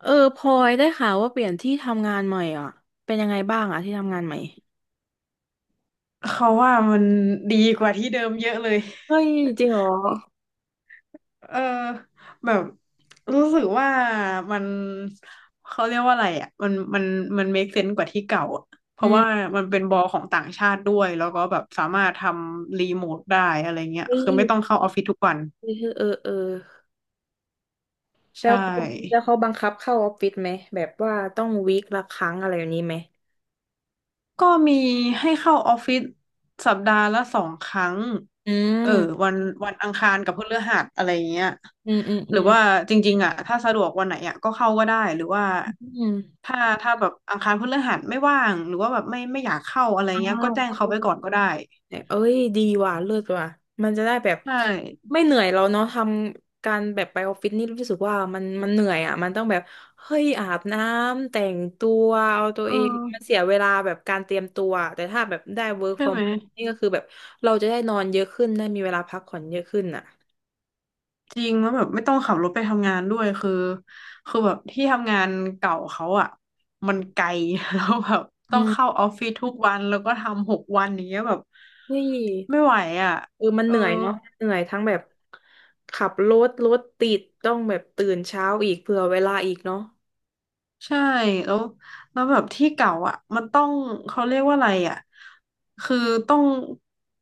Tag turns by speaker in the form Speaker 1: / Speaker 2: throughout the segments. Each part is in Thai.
Speaker 1: เออพลอยได้ข่าวว่าเปลี่ยนที่ทำงานใหม่อ่ะเป็นยังไงบ้างอ่ะที่ทำงานใหม่
Speaker 2: เขาว่ามันดีกว่าที่เดิมเยอะเลย
Speaker 1: เฮ้ยจริงเหรอ
Speaker 2: เออแบบรู้สึกว่ามันเขาเรียกว่าอะไรอ่ะมันเมคเซนส์กว่าที่เก่าอะเพ
Speaker 1: อื
Speaker 2: ราะว่า
Speaker 1: ม
Speaker 2: มันเป็นบอลของต่างชาติด้วยแล้วก็แบบสามารถทำรีโมทได้อะไรเงี้ย
Speaker 1: เฮ้
Speaker 2: คือ
Speaker 1: ย
Speaker 2: ไม่ต้องเข้าออฟฟิศทุกวัน
Speaker 1: เออเออเออแล้
Speaker 2: ใช่
Speaker 1: วเขาแล้วเขาบังคับเข้าออฟฟิศไหมแบบว่าต้องวีคละครั้งอะไรอย่างนี้ไหม
Speaker 2: ก็มีให้เข้าออฟฟิศสัปดาห์ละสองครั้ง
Speaker 1: อื
Speaker 2: เออ
Speaker 1: ม
Speaker 2: วันวันอังคารกับพฤหัสอะไรเงี้ย
Speaker 1: อืมอืม
Speaker 2: ห
Speaker 1: อื
Speaker 2: รือ
Speaker 1: ม
Speaker 2: ว่าจริงๆอ่ะถ้าสะดวกวันไหนอ่ะก็เข้าก็ได้หรือว่า
Speaker 1: อืม
Speaker 2: ถ้าแบบอังคารพฤหัสไม่ว่างหรือว่าแบบไม่อยากเข้าอะไร
Speaker 1: อ้า
Speaker 2: เงี้ยก็
Speaker 1: ว
Speaker 2: แจ้งเขาไว้ก่อนก็ได้
Speaker 1: แบบเอ้ยดีว่ะเลิศว่ะมันจะได้แบบ
Speaker 2: ใช่
Speaker 1: ไม่เหนื่อยเราเนาะทำการแบบไปออฟฟิศนี่รู้สึกว่ามันเหนื่อยอ่ะมันต้องแบบเฮ้ยอาบน้ำแต่งตัวเอาตัว
Speaker 2: เอ
Speaker 1: เองมัน
Speaker 2: อ
Speaker 1: เสียเวลาแบบการเตรียมตัวอะแต่ถ้าแบบได้ work
Speaker 2: ใช่
Speaker 1: from
Speaker 2: ไหม
Speaker 1: home นี่ก็คือแบบเราจะได้นอนเยอะขึ้นได้มีเวลาพักผ่อนเยอะขึ้นอ่ะ
Speaker 2: จริงแล้วแบบไม่ต้องขับรถไปทำงานด้วยคือคือแบบที่ทำงานเก่าเขาอะมันไกล แล้วแบบ
Speaker 1: อื
Speaker 2: ต้องเข้า
Speaker 1: ม
Speaker 2: ออฟฟิศทุกวันแล้วก็ทำหกวันอย่างเงี้ยแบบ
Speaker 1: เฮ้ย
Speaker 2: ไม่ไหวอะ
Speaker 1: เออมัน
Speaker 2: เอ
Speaker 1: เห
Speaker 2: อ
Speaker 1: นื่อยเนาะเหนื่อยทั้งแบบขับรถรถติดต้องแบบตื่นเช้าอีกเผื่อเวลาอีกเนาะ
Speaker 2: ใช่แล้วแล้วแบบที่เก่าอ่ะมันต้องเขาเรียกว่าอะไรอ่ะคือต้อง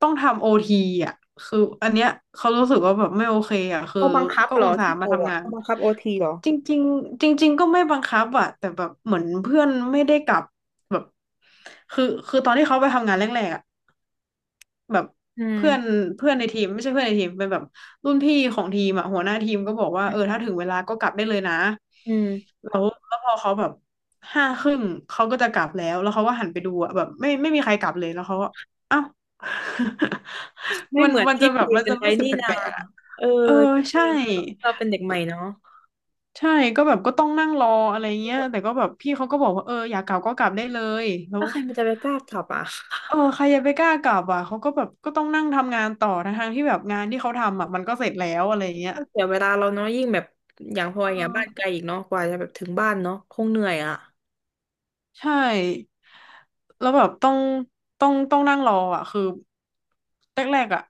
Speaker 2: ต้องทำโอทีอ่ะคืออันเนี้ยเขารู้สึกว่าแบบไม่โอเคอ่ะคือ
Speaker 1: เขาบังคับ
Speaker 2: ก็
Speaker 1: เหร
Speaker 2: อุ
Speaker 1: อ
Speaker 2: ตส่า
Speaker 1: ที่
Speaker 2: ห์มา
Speaker 1: เรา
Speaker 2: ทำ
Speaker 1: อ่ะ
Speaker 2: งาน
Speaker 1: เขาบังคับโอทีเหรอ
Speaker 2: จริงๆจริงๆก็ไม่บังคับอ่ะแต่แบบเหมือนเพื่อนไม่ได้กลับแบบคือคือตอนที่เขาไปทำงานแรกๆอ่ะ แบบ
Speaker 1: อื
Speaker 2: เพื่อน
Speaker 1: ม
Speaker 2: เพื่อนในทีมไม่ใช่เพื่อนในทีมเป็นแบบรุ่นพี่ของทีมอ่ะหัวหน้าทีมก็บอกว่าเออถ้าถึงเวลาก็กลับได้เลยนะ
Speaker 1: อืม
Speaker 2: แล้วพอเขาแบบห้าครึ่งเขาก็จะกลับแล้วเขาก็หันไปดูอ่ะแบบไม่มีใครกลับเลยแล้วเขาก็เอ้า
Speaker 1: ไม่
Speaker 2: มัน
Speaker 1: เหมือน
Speaker 2: มัน
Speaker 1: ที่
Speaker 2: จะแบ
Speaker 1: คุ
Speaker 2: บ
Speaker 1: ย
Speaker 2: มัน
Speaker 1: กัน
Speaker 2: จะ
Speaker 1: ไว้
Speaker 2: รู้สึก
Speaker 1: นี่
Speaker 2: แป
Speaker 1: นา
Speaker 2: ลกๆอ่ะ
Speaker 1: เออ
Speaker 2: เออ
Speaker 1: ก็จ
Speaker 2: ใช่
Speaker 1: ริงเราเป็นเด็กใหม่เนาะ
Speaker 2: ใช่ก็แบบก็ต้องนั่งรออะไรเงี้ยแต่ก็แบบพี่เขาก็บอกว่าเอออยากกลับก็กลับได้เลยแล้
Speaker 1: แล้
Speaker 2: ว
Speaker 1: วใครมันจะไปกล้าขับอ่ะ
Speaker 2: เออใครจะไปกล้ากลับอ่ะเขาก็แบบก็ต้องนั่งทำงานต่อทั้งๆที่แบบงานที่เขาทำอ่ะมันก็เสร็จแล้วอะไรเงี้ย
Speaker 1: ก็เสียเวลาเราเนาะยิ่งแบบอย่างพลอ
Speaker 2: เอ
Speaker 1: ยอย่างบ้านไกล
Speaker 2: อ
Speaker 1: อีกเนาะกว่าจะแบบถึงบ้านเนาะคงเหนื่อยอ่ะ
Speaker 2: ใช่แล้วแบบต้องนั่งรออ่ะคือแรกๆอ่ะ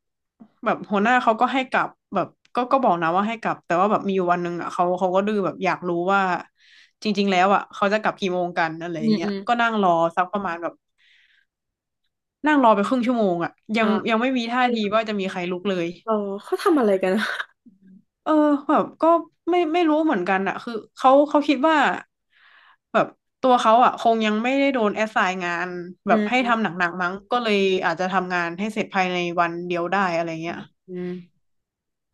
Speaker 2: แบบหัวหน้าเขาก็ให้กลับแบบก็บอกนะว่าให้กลับแต่ว่าแบบมีอยู่วันหนึ่งอ่ะเขาก็ดื้อแบบอยากรู้ว่าจริงๆแล้วอ่ะเขาจะกลับกี่โมงกันอะไร
Speaker 1: อืม
Speaker 2: เงี้
Speaker 1: อื
Speaker 2: ย
Speaker 1: ม
Speaker 2: ก็นั่งรอสักประมาณแบบนั่งรอไปครึ่งชั่วโมงอ่ะยั
Speaker 1: อ่า
Speaker 2: งยังไม่มี
Speaker 1: เอ
Speaker 2: ท่า
Speaker 1: อ
Speaker 2: ทีว่าจะมีใครลุกเลย
Speaker 1: เออเขาทำอะไรกันอะ
Speaker 2: เออแบบก็ไม่รู้เหมือนกันอะคือเขาคิดว่าแบบตัวเขาอะคงยังไม่ได้โดนแอสไซน์งาน
Speaker 1: อื
Speaker 2: แบบให้
Speaker 1: ม
Speaker 2: ทำหนักๆมั้งก็เลยอาจจะทำงานให้เสร็จภายในวันเดียวได้อะไรเงี้ย
Speaker 1: อืม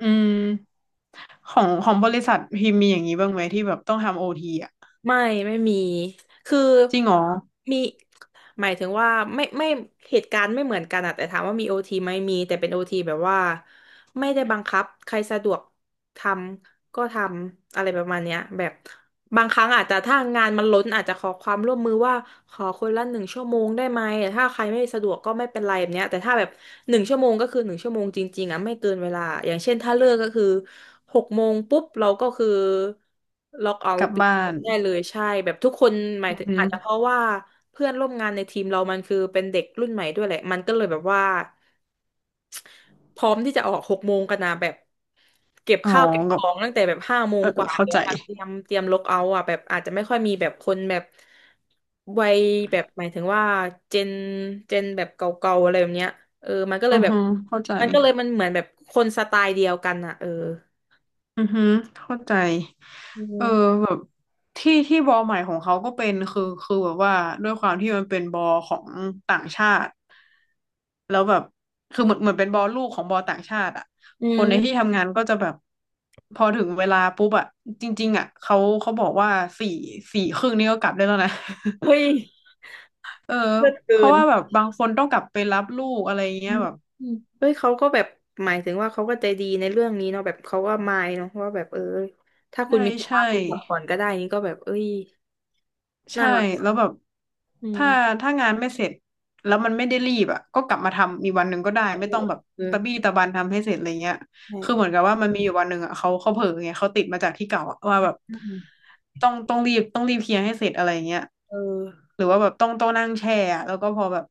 Speaker 2: อืมของบริษัทพิมพ์มีอย่างนี้บ้างไหมที่แบบต้องทำโอทีอะ
Speaker 1: ไม่ไม่มีคือ
Speaker 2: จริงเหรอ
Speaker 1: มีหมายถึงว่าไม่เหตุการณ์ไม่เหมือนกันอะแต่ถามว่ามีโอทีไหมมีแต่เป็นโอทีแบบว่าไม่ได้บังคับใครสะดวกทำก็ทำอะไรประมาณเนี้ยแบบบางครั้งอาจจะถ้างานมันล้นอาจจะขอความร่วมมือว่าขอคนละหนึ่งชั่วโมงได้ไหมแต่ถ้าใครไม่สะดวกก็ไม่เป็นไรแบบเนี้ยแต่ถ้าแบบ หนึ่งชั่วโมงก็คือหนึ่งชั่วโมงจริงๆอ่ะไม่เกินเวลาอย่างเช่นถ้าเลิกก็คือหกโมงปุ๊บเราก็คือล็อกเอา
Speaker 2: กลั
Speaker 1: ท์
Speaker 2: บ
Speaker 1: ปิดจ
Speaker 2: บ้า
Speaker 1: บ
Speaker 2: น
Speaker 1: ได้เลยใช่แบบทุกคนหมาย
Speaker 2: อือ
Speaker 1: ถึง
Speaker 2: ฮึ
Speaker 1: อาจจะเพราะว่าเพื่อนร่วมงานในทีมเรามันคือเป็นเด็กรุ่นใหม่ด้วยแหละมันก็เลยแบบว่า พร้อมที่จะออกหกโมงกันนะแบบเก็บ
Speaker 2: อ๋อ
Speaker 1: ข้าวเก็บ
Speaker 2: ก็
Speaker 1: ของตั้งแต่แบบห้าโม
Speaker 2: เอ
Speaker 1: ง
Speaker 2: อ
Speaker 1: กว่า
Speaker 2: เข้า
Speaker 1: แล้ว
Speaker 2: ใจ
Speaker 1: อะเตรียมล็อกเอาท์อ่ะแบบอาจจะไม่ค่อยมีแบบคนแบบวัยแบบหมายถึงว่าเจนเจนแบบเก่าๆอะไรแบบเนี้ยเออมันก็เล
Speaker 2: อื
Speaker 1: ย
Speaker 2: อ
Speaker 1: แบบ
Speaker 2: ฮึเข้าใจ
Speaker 1: มันก็เลยมันเหมือนแบบคนสไตล์เดียวกันอ่ะเออ
Speaker 2: อือฮึเข้าใจ
Speaker 1: อืม
Speaker 2: ที่ที่บอลใหม่ของเขาก็เป็นคือคือแบบว่าด้วยความที่มันเป็นบอลของต่างชาติแล้วแบบคือเหมือนเป็นบอลลูกของบอลต่างชาติอ่ะ
Speaker 1: อื
Speaker 2: คนในที่
Speaker 1: ม
Speaker 2: ทำงานก็จะแบบพอถึงเวลาปุ๊บอ่ะจริงๆอ่ะเขาบอกว่าสี่สี่ครึ่งนี่ก็กลับได้แล้วนะ
Speaker 1: เฮ้ย
Speaker 2: เออ
Speaker 1: เลิศ
Speaker 2: เพ
Speaker 1: เกิ
Speaker 2: ราะ
Speaker 1: น
Speaker 2: ว่าแบบบางคนต้องกลับไปรับลูกอะไร
Speaker 1: อื
Speaker 2: เงี้ย
Speaker 1: ม
Speaker 2: แบบ
Speaker 1: อืมเฮ้ยเขาก็แบบหมายถึงว่าเขาก็ใจดีในเรื่องนี้เนาะแบบเขาก็มายเนาะว่าแบบเออถ้าคุ
Speaker 2: ใ
Speaker 1: ณมีภา
Speaker 2: ใช่
Speaker 1: ระคุณกัดก่อนก็ได้นี่ก็แบบเอ้ย น่า
Speaker 2: ช่
Speaker 1: รักอะ
Speaker 2: แล้วแบบ
Speaker 1: อื
Speaker 2: ถ้า
Speaker 1: ม
Speaker 2: ถ้างานไม่เสร็จแล้วมันไม่ได้รีบอ่ะก็กลับมาทำอีกวันหนึ่งก็ได้
Speaker 1: เออ
Speaker 2: ไม่ต้องแบบ
Speaker 1: เออ
Speaker 2: ตะบี้ตะบันทำให้เสร็จอะไรเงี้ยคือเหมือ
Speaker 1: ใช่
Speaker 2: นกับว่ามันมีอยู่วันหนึ่งอ่ะเขาเผลอไงเขาติดมาจากที่เก่าอะว่าแบบ
Speaker 1: อืม
Speaker 2: ต้องรีบเคลียร์ให้เสร็จอะไรเงี้ย
Speaker 1: เออ
Speaker 2: หรือว่าแบบต้องนั่งแช่อะแล้วก็พอแบบ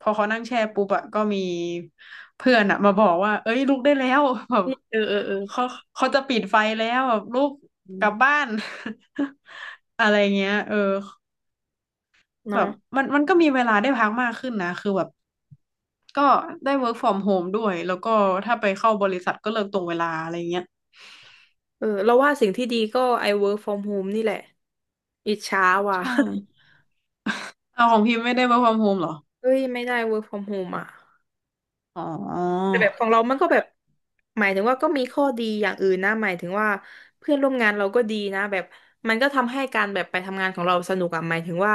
Speaker 2: พอเขานั่งแช่ปุ๊บอ่ะก็มีเพื่อนอ่ะมาบอกว่าเอ้ยลุกได้แล้ว แบบ
Speaker 1: นี่เออเออเออ
Speaker 2: เขาเขาจะปิดไฟแล้วแบบลุก
Speaker 1: อื
Speaker 2: กลับ
Speaker 1: ม
Speaker 2: บ้าน อะไรเงี้ยเออ แบ
Speaker 1: เนาะ
Speaker 2: บมันก็มีเวลาได้พักมากขึ้นนะคือแบบก็ได้ work from home ด้วยแล้วก็ถ้าไปเข้าบริษัทก็เลิกตรงเวลาอะไรเงี้ย
Speaker 1: เออเราว่าสิ่งที่ดีก็ I work from home นี่แหละอิจฉาว่ะ
Speaker 2: ใช่เอาของพิมพ์ไม่ได้ work from home เหรอ
Speaker 1: เอ้ยไม่ได้ work from home อ่ะ
Speaker 2: อ๋อ
Speaker 1: แต่แบบของเรามันก็แบบหมายถึงว่าก็มีข้อดีอย่างอื่นนะหมายถึงว่าเพื่อนร่วมงานเราก็ดีนะแบบมันก็ทำให้การแบบไปทำงานของเราสนุกอ่ะหมายถึงว่า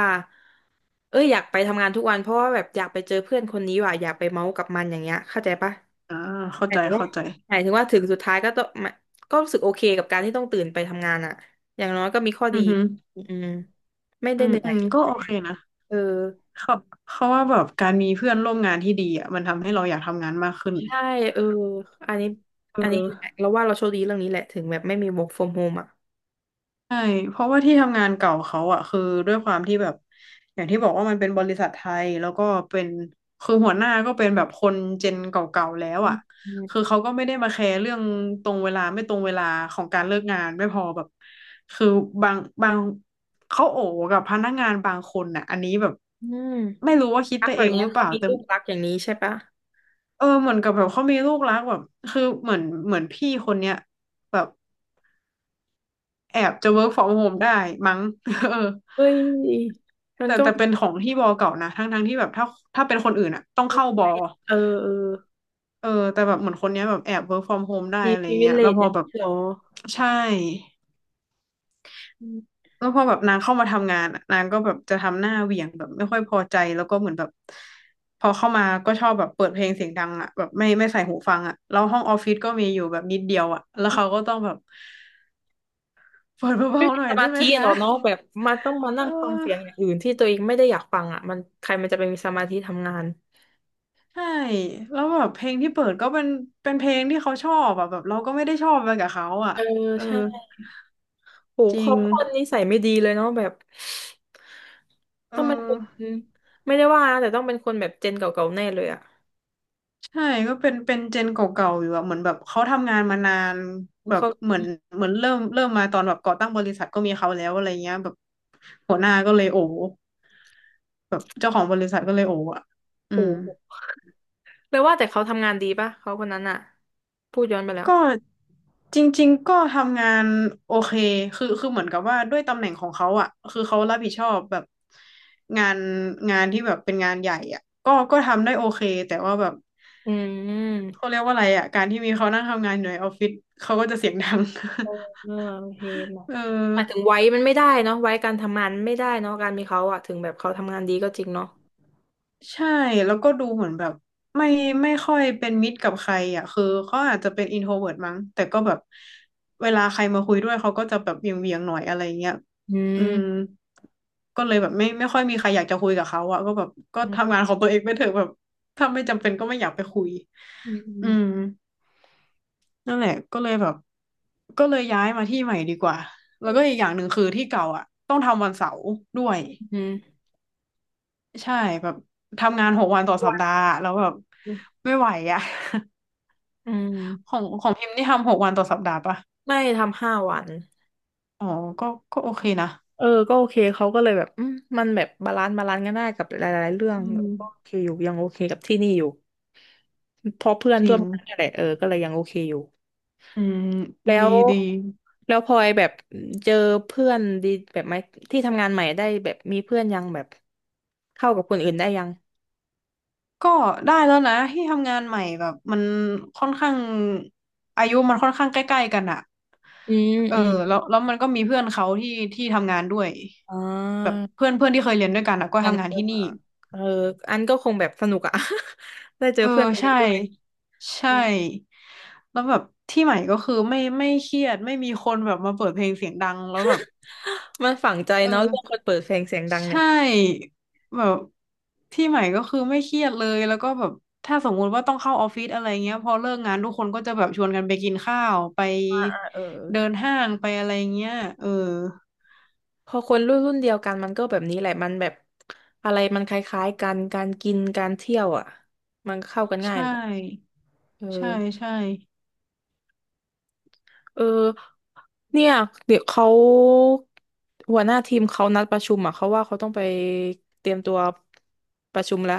Speaker 1: เอ้ยอยากไปทำงานทุกวันเพราะว่าแบบอยากไปเจอเพื่อนคนนี้ว่ะอยากไปเมาส์กับมันอย่างเงี้ยเข้าใจปะ
Speaker 2: อ่าเข้า
Speaker 1: หมาย
Speaker 2: ใจ
Speaker 1: ถึงว่า
Speaker 2: เข้าใจ
Speaker 1: หมายถึงว่าถึงสุดท้ายก็ต้องมาก็รู้สึกโอเคกับการที่ต้องตื่นไปทำงานอ่ะอย่างน้อยก็มีข้อ
Speaker 2: อื
Speaker 1: ดี
Speaker 2: อหือ
Speaker 1: อืมไม่
Speaker 2: อื
Speaker 1: ได้เห
Speaker 2: ม
Speaker 1: นื่อ
Speaker 2: อื
Speaker 1: ย
Speaker 2: มก็โอเคนะ
Speaker 1: เออ
Speaker 2: เขาว่าแบบการมีเพื่อนร่วมงานที่ดีอ่ะมันทำให้เราอยากทำงานมากขึ้น
Speaker 1: ใช่เอออันนี้
Speaker 2: เ
Speaker 1: อันนี้แหละ
Speaker 2: ออ
Speaker 1: เราว่าเราโชคดีเรื่องนี้แหละถึงแบบไม่มี work from home อ่ะ
Speaker 2: ใช่เพราะว่าที่ทำงานเก่าเขาอะคือด้วยความที่แบบอย่างที่บอกว่ามันเป็นบริษัทไทยแล้วก็เป็นคือหัวหน้าก็เป็นแบบคนเจนเก่าๆแล้ว
Speaker 1: อื
Speaker 2: อะ
Speaker 1: ม
Speaker 2: คือเขาก็ไม่ได้มาแคร์เรื่องตรงเวลาไม่ตรงเวลาของการเลิกงานไม่พอแบบคือบางบางเขาโอ๋กับพนักงานบางคนน่ะอันนี้แบบ
Speaker 1: อืม
Speaker 2: ไม่รู้ว่าคิด
Speaker 1: รัก
Speaker 2: ไป
Speaker 1: แบ
Speaker 2: เอ
Speaker 1: บ
Speaker 2: ง
Speaker 1: เนี้
Speaker 2: ห
Speaker 1: ย
Speaker 2: รือเป
Speaker 1: เขา
Speaker 2: ล่า
Speaker 1: มี
Speaker 2: แต่
Speaker 1: รูปลักษณ์อย่างนี้ใช่ปะ
Speaker 2: เออเหมือนกับแบบเขามีลูกรักแบบคือเหมือนพี่คนเนี้ยแบบแอบจะ work from home ได้มั้ง เออ
Speaker 1: เฮ้ยมัน
Speaker 2: แต่
Speaker 1: ก็
Speaker 2: แต่เป็นของที่บอเก่านะทั้งที่แบบถ้าเป็นคนอื่นอะต้องเข้าบอ
Speaker 1: เออเออ
Speaker 2: เออแต่แบบเหมือนคนเนี้ยแบบแอบ work from home ได้
Speaker 1: มี
Speaker 2: อะไรเงี้ยแล้ว
Speaker 1: privilege
Speaker 2: พอ
Speaker 1: เนี่ย
Speaker 2: แบบ
Speaker 1: หรอ
Speaker 2: ใช่แล้วพอแบบนางเข้ามาทำงานอะนางก็แบบจะทำหน้าเหวี่ยงแบบไม่ค่อยพอใจแล้วก็เหมือนแบบพอเข้ามาก็ชอบแบบเปิดเพลงเสียงดังอะแบบไม่ใส่หูฟังอะแล้วห้องออฟฟิศก็มีอยู่แบบนิดเดียวอะแล้วเขาก็ต้องแบบเปิด
Speaker 1: ไม่
Speaker 2: เบาๆ
Speaker 1: มี
Speaker 2: หน่อ
Speaker 1: ส
Speaker 2: ยได้
Speaker 1: มา
Speaker 2: ไหม
Speaker 1: ธิหร
Speaker 2: คะ
Speaker 1: อกเนาะแบบมันต้องมานั่
Speaker 2: เอ
Speaker 1: งฟังเสียงอย่า
Speaker 2: อ
Speaker 1: งอื่นที่ตัวเองไม่ได้อยากฟังอ่ะมันใครมันจะไปมีสมาธิทำงาน
Speaker 2: ใช่แล้วแบบเพลงที่เปิดก็เป็นเพลงที่เขาชอบอะแบบเราก็ไม่ได้ชอบไปกับเขาอะ
Speaker 1: เออ
Speaker 2: เออ
Speaker 1: ใช่โห
Speaker 2: จริ
Speaker 1: เขา
Speaker 2: ง
Speaker 1: คนนิสัยไม่ดีเลยเนาะแบบ
Speaker 2: เอ
Speaker 1: ต้องเป็นค
Speaker 2: อ
Speaker 1: นไม่ได้ว่านะแต่ต้องเป็นคนแบบเจนเก่าๆแน่เลยอ่ะ
Speaker 2: ใช่ก็เป็นเจนเก่าๆอยู่อะเหมือนแบบเขาทำงานมานานแบบ
Speaker 1: เขา
Speaker 2: เหมือนเหมือนเริ่มมาตอนแบบก่อตั้งบริษัทก็มีเขาแล้วอะไรเงี้ยแบบหัวหน้าก็เลยโอ้แบบเจ้าของบริษัทก็เลยโอ้อะ
Speaker 1: โ
Speaker 2: อืม
Speaker 1: หเลยว่าแต่เขาทำงานดีปะเขาคนนั้นอ่ะพูดย้อนไปแล้ว
Speaker 2: ก็จริงๆก็ทำงานโอเคคือเหมือนกับว่าด้วยตำแหน่งของเขาอ่ะคือเขารับผิดชอบแบบงานงานที่แบบเป็นงานใหญ่อ่ะก็ทำได้โอเคแต่ว่าแบบ
Speaker 1: อืม
Speaker 2: เขาเรียกว่าอะไรอ่ะการที่มีเขานั่งทำงานอยู่ในออฟฟิศเขาก็จะเสียงดัง
Speaker 1: เออโอเคหมอ
Speaker 2: เออ
Speaker 1: หมายถึงไว้มันไม่ได้เนาะไว้การทำงานไม่ได้เนาะการมีเขาอะถึงแบบเขาทำงานดีก็จริงเนาะ
Speaker 2: ใช่แล้วก็ดูเหมือนแบบไม่ไม่ค่อยเป็นมิตรกับใครอ่ะคือเขาอาจจะเป็นอินโทรเวิร์ตมั้งแต่ก็แบบเวลาใครมาคุยด้วยเขาก็จะแบบเหวียงๆหน่อยอะไรเงี้ย
Speaker 1: อื
Speaker 2: อืมก็เลยแบบไม่ค่อยมีใครอยากจะคุยกับเขาอ่ะก็แบบก็ทำ
Speaker 1: ม
Speaker 2: งานของตัวเองไปเถอะแบบถ้าไม่จำเป็นก็ไม่อยากไปคุย
Speaker 1: อื
Speaker 2: อื
Speaker 1: ม
Speaker 2: ม
Speaker 1: อ
Speaker 2: นั่นแหละก็เลยแบบก็เลยย้ายมาที่ใหม่ดีกว่าแล้
Speaker 1: ื
Speaker 2: วก็อี
Speaker 1: ม
Speaker 2: กอย่างหนึ่งคือที่เก่าอ่ะต้องทำวันเสาร์ด้วย
Speaker 1: อืม
Speaker 2: ใช่แบบทำงานหกวันต่อสัป
Speaker 1: วั
Speaker 2: ดา
Speaker 1: น
Speaker 2: ห์แล้วแบบไม่ไหวอ่ะ
Speaker 1: อื
Speaker 2: ขอ
Speaker 1: ม
Speaker 2: งของพิมพ์นี่ทำ6 วันต่อสัปดาห์ปะ
Speaker 1: ไม่ทำห้าวัน
Speaker 2: อ๋อก็ก็โอเคนะ
Speaker 1: เออก็โอเคเขาก็เลยแบบอืมมันแบบบาลานซ์กันได้กับหลายๆเรื่อง
Speaker 2: อืม
Speaker 1: ก็โอเคอยู่ยังโอเคกับที่นี่อยู่เพราะเพื่อน
Speaker 2: จริ
Speaker 1: ร่วม
Speaker 2: ง
Speaker 1: งานนั่นแหละเออก็เลยยังโอเคอยู่
Speaker 2: อืม
Speaker 1: แล้
Speaker 2: ดี
Speaker 1: ว
Speaker 2: ดี
Speaker 1: แล้วพลอยแบบเจอเพื่อนดีแบบไหมที่ทำงานใหม่ได้แบบมีเพื่อนยังแบบเข้ากับคนอื่นได้ยัง
Speaker 2: ก็ได้แล้วนะที่ทำงานใหม่แบบมันค่อนข้างอายุมันค่อนข้างใกล้ๆกันอ่ะ
Speaker 1: อืม
Speaker 2: เออ
Speaker 1: อืม
Speaker 2: แล้วมันก็มีเพื่อนเขาที่ทำงานด้วย
Speaker 1: อ่
Speaker 2: แบบ
Speaker 1: า
Speaker 2: เพื่อนเพื่อนที่เคยเรียนด้วยกันอะก็
Speaker 1: กัน
Speaker 2: ทำงาน
Speaker 1: เออ
Speaker 2: ที่นี่
Speaker 1: เอออันก็คงแบบสนุกอะ ได้เจอ
Speaker 2: เออ
Speaker 1: เพื่อนตัวเอ
Speaker 2: ใช่
Speaker 1: งด้วย
Speaker 2: ใช่แล้วแบบที่ใหม่ก็คือไม่เครียดไม่มีคนแบบมาเปิดเพลงเสียงดังแล้วแบบ
Speaker 1: มันฝังใจ
Speaker 2: เ
Speaker 1: เนาะเรื่องค
Speaker 2: ออ
Speaker 1: นเปิดเพลงเสียงดังเนี่
Speaker 2: ใช่
Speaker 1: ย
Speaker 2: แบบที่ใหม่ก็คือไม่เครียดเลยแล้วก็แบบถ้าสมมุติว่าต้องเข้าออฟฟิศอะไรเงี้ยพอเลิกงานทุกคนก็จะแบบชวนกันไปกินข้าวไป
Speaker 1: เออ
Speaker 2: เดินห้างไปอะไรเงี้ยเออ
Speaker 1: พอคนรุ่นเดียวกันมันก็แบบนี้แหละมันแบบอะไรมันคล้ายๆกันการกินการเที่ยวอ่ะมันเข้ากัน
Speaker 2: ใช
Speaker 1: ง่ายเลย
Speaker 2: ่
Speaker 1: เ
Speaker 2: ใช่
Speaker 1: ออ
Speaker 2: ใช่
Speaker 1: เออเนี่ยเดี๋ยวเขาหัวหน้าทีมเขานัดประชุมอ่ะเขาว่าเขาต้องไปเตรียมตัวประชุมละ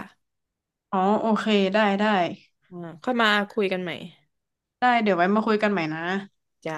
Speaker 2: อ๋อโอเคได้
Speaker 1: อ่าค่อยมาคุยกันใหม่
Speaker 2: ได้เดี๋ยวไว้มาคุยกันใหม่นะ
Speaker 1: จ้า